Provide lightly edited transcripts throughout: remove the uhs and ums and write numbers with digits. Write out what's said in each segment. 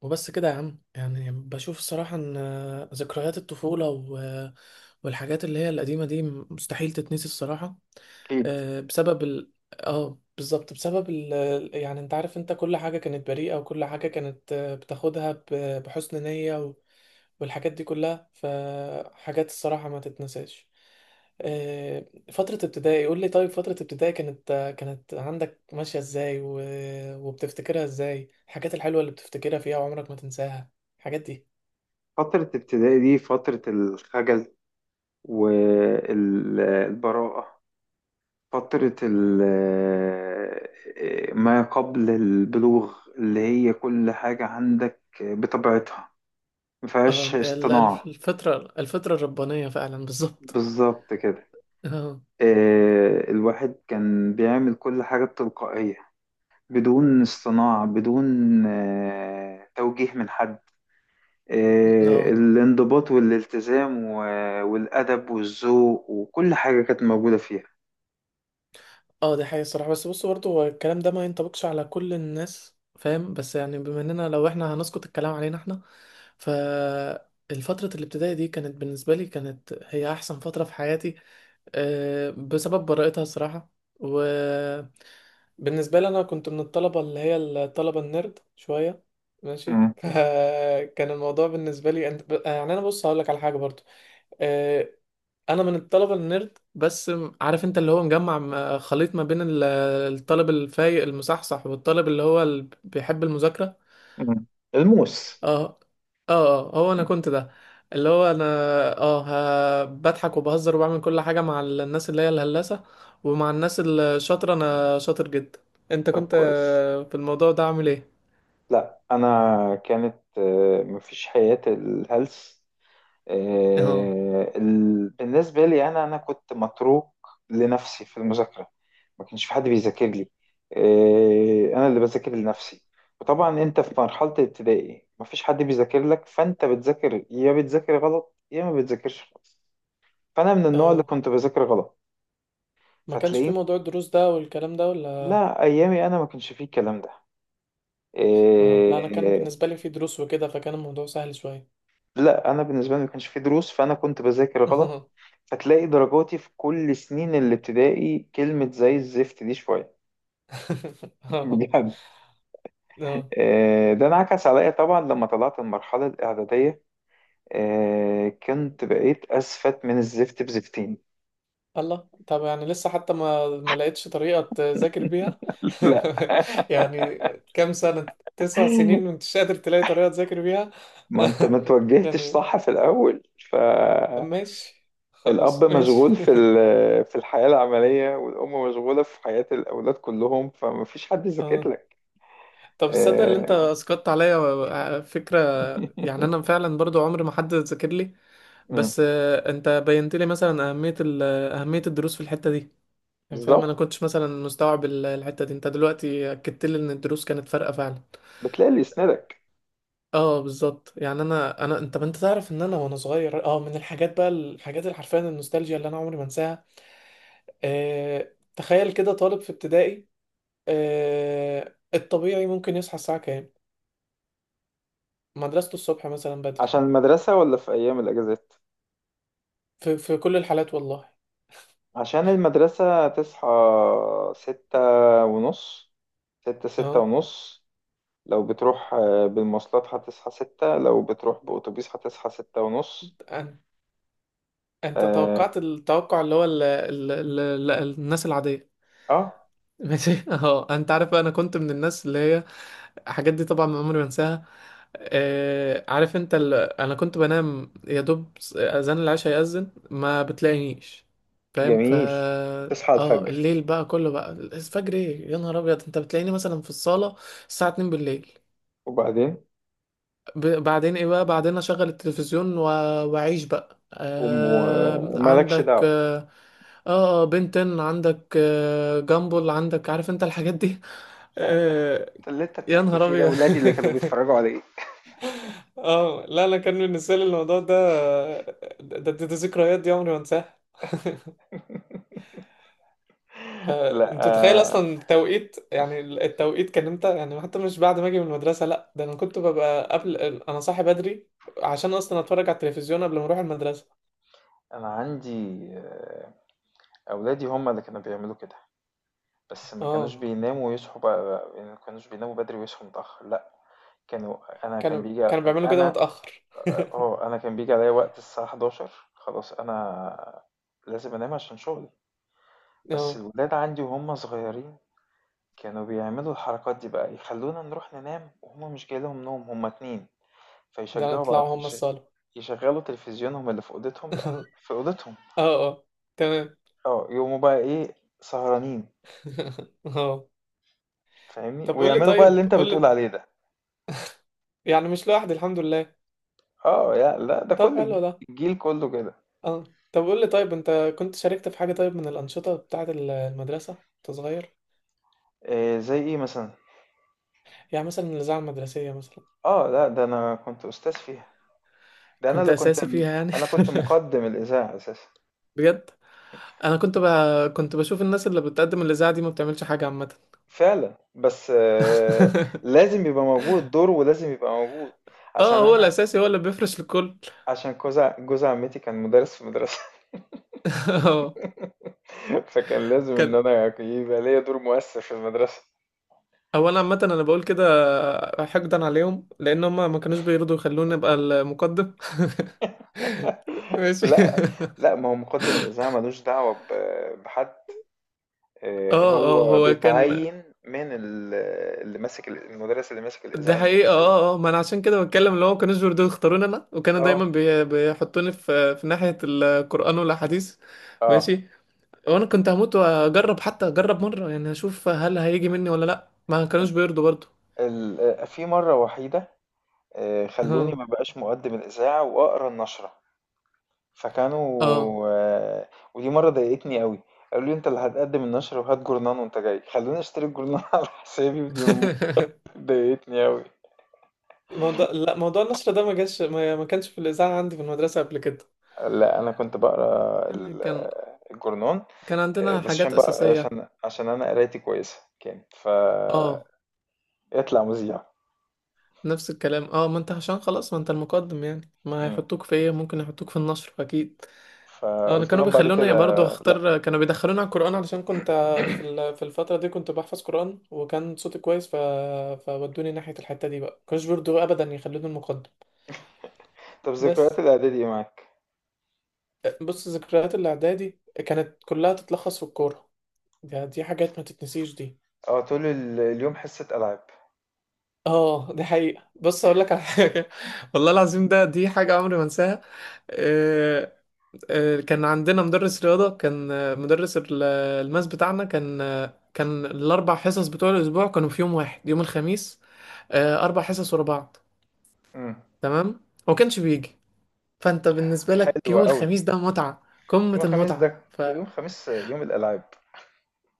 وبس كده يا عم يعني بشوف الصراحة ان ذكريات الطفولة والحاجات اللي هي القديمة دي مستحيل تتنسي الصراحة. أكيد. بسبب ال... اه بالظبط بسبب يعني انت عارف، انت كل حاجة كانت بريئة وكل حاجة كانت بتاخدها بحسن نية والحاجات دي كلها فحاجات الصراحة ما تتنساش. آه، فترة ابتدائي قول لي، طيب فترة ابتدائي كانت عندك ماشية ازاي وبتفتكرها ازاي، الحاجات الحلوة اللي بتفتكرها فيها وعمرك ما تنساها الحاجات دي. فترة ابتدائي دي فترة الخجل والبراءة، فترة ما قبل البلوغ اللي هي كل حاجة عندك بطبيعتها اه مفيهاش ده اصطناع. الفترة الربانية فعلا، بالظبط. بالظبط كده. اه. الواحد كان بيعمل كل حاجة بتلقائية، بدون اصطناع، بدون توجيه من حد. اه الانضباط والالتزام والأدب والذوق وكل حاجة كانت موجودة فيها. اه دي حقيقة الصراحة، بس بص برضه هو الكلام ده ما ينطبقش على كل الناس، فاهم؟ بس يعني بما اننا لو احنا هنسقط الكلام علينا احنا، فالفترة الابتدائي دي كانت بالنسبة لي، هي أحسن فترة في حياتي. بسبب براءتها الصراحة. وبالنسبة لي أنا كنت من الطلبة اللي هي الطلبة النيرد شوية. ماشي. مم. فكان الموضوع بالنسبة لي أنت يعني، أنا بص هقولك على حاجة برضو. آه، أنا من الطلبة النيرد، بس عارف أنت اللي هو مجمع خليط ما بين الطالب الفايق المصحصح والطالب اللي هو اللي بيحب المذاكرة. مم. الموس. اه اه. هو انا كنت ده، اللي هو انا. اه. بضحك وبهزر وبعمل كل حاجة مع الناس اللي هي الهلاسة، ومع الناس الشاطرة انا شاطر جدا. انت طب كنت كويس. في الموضوع ده عامل ايه؟ لا أنا كانت مفيش حياة الهلس. اه بالنسبة لي أنا كنت متروك لنفسي في المذاكرة، ما كانش في حد بيذاكر لي. أنا اللي بذاكر لنفسي. وطبعا أنت في مرحلة الابتدائي ما فيش حد بيذاكر لك، فأنت بتذاكر، يا بتذاكر غلط يا ما بتذاكرش خالص. فأنا من النوع اللي اه. كنت بذاكر غلط. ما كانش في فتلاقيني موضوع الدروس ده والكلام ده ولا؟ لا أيامي أنا ما كانش فيه الكلام ده. اه لا، انا كان آه، بالنسبة لي في دروس وكده، فكان الموضوع سهل شوية. لا انا بالنسبه لي ما كانش في دروس، فانا كنت بذاكر غلط. فتلاقي درجاتي في كل سنين الابتدائي كلمه زي الزفت دي شويه. اه بجد. اه. ده انعكس عليا طبعا لما طلعت المرحله الاعداديه. كنت بقيت اسفت من الزفت بزفتين. الله، طب يعني لسه حتى ما لقيتش طريقة تذاكر بيها؟ لا، يعني كام سنة؟ 9 سنين وانت مش قادر تلاقي طريقة تذاكر بيها؟ ما انت ما توجهتش يعني صح في الاول. فالاب ماشي، خلاص ماشي. مشغول في في الحياه العمليه، والام مشغوله في حياه الاولاد كلهم، فما فيش حد يذاكر اه. لك. طب تصدق اللي انت آه، اسقطت عليا فكرة؟ يعني انا فعلا برضو عمري ما حد ذاكر لي. مم. بس انت بينت لي مثلا اهمية اهمية الدروس في الحتة دي. يعني فاهم، انا بالظبط. كنتش مثلا مستوعب الحتة دي. انت دلوقتي اكدت لي ان الدروس كانت فارقة فعلا. بتلاقي اللي يسندك. اه بالظبط. يعني انا انت، ما انت تعرف ان انا، وانا صغير اه، من الحاجات بقى، الحاجات اللي حرفيا النوستالجيا اللي انا عمري ما انساها. آه تخيل كده، طالب في ابتدائي. آه الطبيعي ممكن يصحى الساعه كام؟ مدرسته الصبح مثلا بدري. عشان المدرسة ولا في أيام الأجازات؟ في كل الحالات والله. عشان المدرسة تصحى ستة ونص، ستة اه ونص. لو بتروح بالمواصلات هتصحى ستة، لو بتروح بأتوبيس هتصحى ستة ونص. أن- انت آه, توقعت التوقع اللي هو ال الناس العاديه. آه ماشي. اه انت عارف بقى، انا كنت من الناس اللي هي الحاجات دي طبعا ما عمري ما انساها. آه عارف انت انا كنت بنام يا دوب، اذان العشاء يأذن ما بتلاقينيش. فاهم؟ ف جميل. تصحى اه الفجر. الليل بقى كله، بقى الفجر ايه يا نهار ابيض، انت بتلاقيني مثلا في الصالة الساعة 2 بالليل. وبعدين بعدين ايه بقى؟ بعدين اشغل التلفزيون واعيش بقى. قوم آه و- مالكش عندك دعوة. اه، بنتن عندك، آه جامبل عندك، عارف انت الحاجات دي. لا، آه اللي انت يا بتحكي نهار فيه ده ابيض. ولادي اللي كانوا بيتفرجوا عليه. اه لا لا، كان بالنسبه لي الموضوع ده، ده ذكريات دي عمري ما انساها. لا فانت تتخيل اصلا التوقيت، يعني التوقيت كان امتى؟ يعني حتى مش بعد ما اجي من المدرسه، لا ده انا كنت ببقى قبل، انا صاحي بدري عشان اصلا اتفرج على التلفزيون قبل ما اروح المدرسه. انا عندي اولادي هم اللي كانوا بيعملوا كده، بس ما كانوش اه. بيناموا ويصحوا بقى، يعني ما كانوش بيناموا بدري ويصحوا متأخر، لا. كانوا انا كان كانوا بيجي كانوا بيعملوا كده انا متأخر. اه انا كان بيجي عليا وقت الساعة 11، خلاص انا لازم انام عشان شغلي. بس اه، الولاد عندي وهم صغيرين كانوا بيعملوا الحركات دي بقى، يخلونا نروح ننام وهم مش جاي لهم نوم، هم اتنين ده فيشجعوا بعض، طلعوا هم الصالة. يشغلوا تلفزيونهم اللي في اوضتهم. لا، اه في اوضتهم. اه تمام. اه يقوموا بقى ايه، سهرانين، اه. فاهمني، طب قول لي ويعملوا بقى اللي طيب، انت قول بتقول لي. عليه ده. يعني مش لوحدي، الحمد لله. اه، يا لا ده طب حلو ده. الجيل كله كده. اه. طب قول لي طيب، انت كنت شاركت في حاجة طيب من الأنشطة بتاعة المدرسة وانت صغير؟ إيه زي ايه مثلا؟ يعني مثلا الإذاعة المدرسية مثلا. اه لا ده انا كنت استاذ فيها. ده انا كنت اللي كنت أساسي فيها يعني؟ انا كنت مقدم الاذاعه اساسا. بجد؟ انا كنت كنت بشوف الناس اللي بتقدم الاذاعه دي ما بتعملش حاجه عامه. فعلا. بس آه لازم يبقى موجود دور، ولازم يبقى موجود. اه عشان هو انا الاساسي هو اللي بيفرش للكل. عشان جوز عمتي كان مدرس في المدرسه. اه فكان لازم ان كان، انا يبقى ليا دور مؤثر في المدرسه. اولا عامه انا بقول كده حقدا عليهم، لان هم ما كانوش بيرضوا يخلوني ابقى المقدم. ماشي. لا لا ما هو مقدم الاذاعه ملوش دعوه بحد، اه اه هو هو كان. بيتعين من اللي ماسك المدرس اللي ماسك ده الإذاعة حقيقة المدرسية. اه اه، ما انا عشان كده بتكلم، اللي هو ما كانوش بيرضوا يختاروني انا، وكانوا دايما اه بيحطوني في ناحية القرآن والاحاديث. اه. ماشي. وانا كنت هموت واجرب، حتى اجرب مرة يعني، اشوف هل هيجي مني ولا لا، ما كانوش ال- بيرضوا برضه. في مرة وحيدة خلوني اه ما بقاش مقدم الإذاعة وأقرأ النشرة. فكانوا اه. آه، ودي مرة ضايقتني قوي. قالوا لي انت اللي هتقدم النشرة وهات جورنان وانت جاي، خلوني اشتري الجورنان على حسابي، ودي ضايقتني قوي. موضوع، لا موضوع النشر ده ما جاش، ما كانش في الإذاعة عندي في المدرسة قبل كده. لا انا كنت بقرا يعني الجورنان، كان عندنا بس حاجات عشان بقى أساسية. عشان عشان انا قرايتي كويسة كانت ف اه يطلع مذيع. نفس الكلام. اه ما انت عشان خلاص، ما انت المقدم يعني، ما مم. هيحطوك في ايه؟ ممكن يحطوك في النشر اكيد. اه انا فقلت كانوا لهم بعد بيخلوني برضه كده لا. اختار، كانوا بيدخلوني على القرآن علشان كنت في في الفترة دي كنت بحفظ قرآن وكان صوتي كويس فودوني ناحية الحتة دي بقى، كانوش برضه ابدا يخلوني المقدم. طب بس ذكريات الاعدادي ايه معاك؟ بص، ذكريات الاعدادي كانت كلها تتلخص في الكورة. دي حاجات ما تتنسيش دي. اه طول اليوم حصة العاب. اه دي حقيقة، بص اقول لك على حاجة. والله العظيم ده، دي حاجة عمري ما انساها. آه، كان عندنا مدرس رياضة، كان مدرس الماس بتاعنا، كان كان ال4 حصص بتوع الأسبوع كانوا في يوم واحد، يوم الخميس. 4 حصص ورا بعض. مم. تمام. هو كانش بيجي، فأنت بالنسبة لك حلوة يوم قوي الخميس ده متعة، قمة يوم الخميس ده، المتعة ف يوم الخميس يوم الالعاب.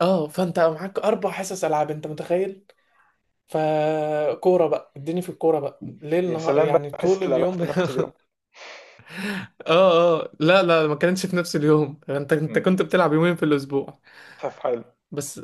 اه فأنت معاك 4 حصص ألعاب، أنت متخيل؟ فكورة بقى، اديني في الكورة بقى ليل يا نهار سلام بقى يعني حصة طول الالعاب اليوم. في نفس اليوم. اه اه لا لا، ما كانتش في نفس اليوم، انت مم. كنت بتلعب يومين في الاسبوع. طب حلو. بس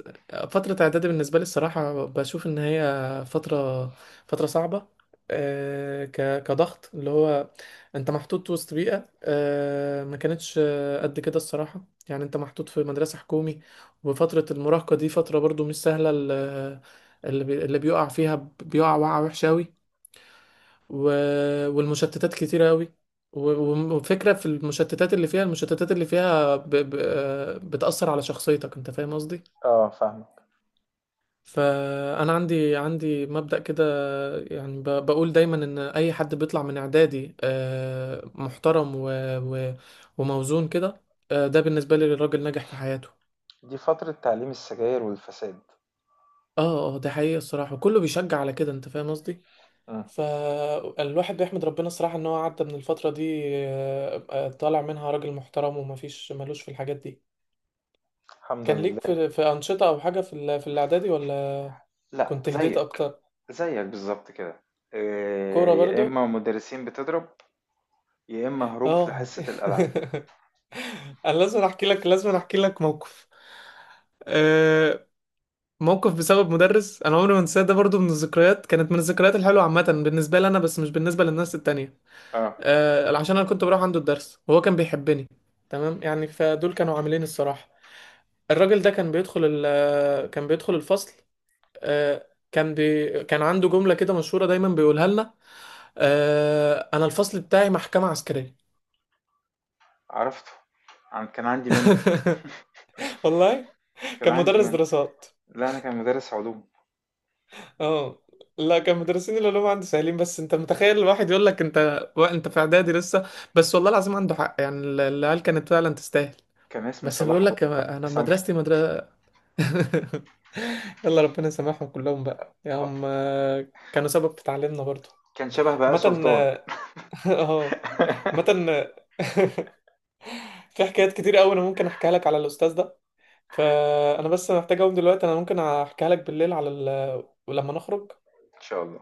فترة اعدادي بالنسبة لي الصراحة بشوف ان هي فترة، فترة صعبة. ك كضغط اللي هو انت محطوط وسط بيئة، ما كانتش قد كده الصراحة، يعني انت محطوط في مدرسة حكومي وفترة المراهقة دي فترة برضو مش سهلة. اللي بيقع فيها بيقع وقعة وحشة أوي. و... والمشتتات كتيرة قوي. وفكرة في المشتتات اللي فيها، المشتتات اللي فيها ب... ب... آه، بتأثر على شخصيتك انت، فاهم قصدي؟ اه فاهمك. فأنا عندي مبدأ كده يعني، بقول دايما ان اي حد بيطلع من اعدادي محترم و... وموزون كده. ده بالنسبة لي الراجل ناجح في حياته. دي فترة تعليم السجاير والفساد. اه اه ده حقيقي الصراحة، وكله بيشجع على كده انت فاهم قصدي. مم. فالواحد بيحمد ربنا الصراحة ان هو عدى من الفترة دي، طالع منها راجل محترم، ومفيش ملوش في الحاجات دي. الحمد كان ليك لله. في, في أنشطة او حاجة في في الاعدادي ولا لا كنت هديت زيك، اكتر؟ زيك بالظبط كده. كورة إيه، يا برضو. اما مدرسين بتضرب، يا اما هروب في اه. حصة الالعاب. انا لازم احكي لك، لازم احكي لك موقف. آه، موقف بسبب مدرس انا عمري ما انساه، ده برضو من الذكريات، كانت من الذكريات الحلوة عامة بالنسبة لي انا، بس مش بالنسبة للناس التانية. اه عشان انا كنت بروح عنده الدرس وهو كان بيحبني. تمام يعني، فدول كانوا عاملين الصراحة. الراجل ده كان بيدخل الفصل. آه، كان عنده جملة كده مشهورة دايما بيقولها لنا، انا الفصل بتاعي محكمة عسكرية. عرفته. كان عندي منه، والله. كان كان عندي مدرس من. دراسات. لا انا كان مدرس علوم. اه لا، كان مدرسين العلوم عندي سهلين، بس انت متخيل الواحد يقول لك انت انت في اعدادي لسه؟ بس والله العظيم عنده حق، يعني العيال كانت فعلا تستاهل. كان اسمه بس صلاح، بيقول لك الله انا يسامحه. مدرستي مدرسة. يلا ربنا يسامحهم كلهم بقى، يا هم كانوا سبب في تعليمنا برضو. كان شبه بهاء عامة. سلطان. اه آه، عامة. آه، في حكايات كتير قوي، انا ممكن احكيها لك على الاستاذ ده. فانا بس محتاج اقوم دلوقتي، انا ممكن احكيها لك بالليل على لما نخرج. ان شاء الله.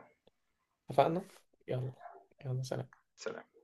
اتفقنا. يلا. يلا سلام. سلام.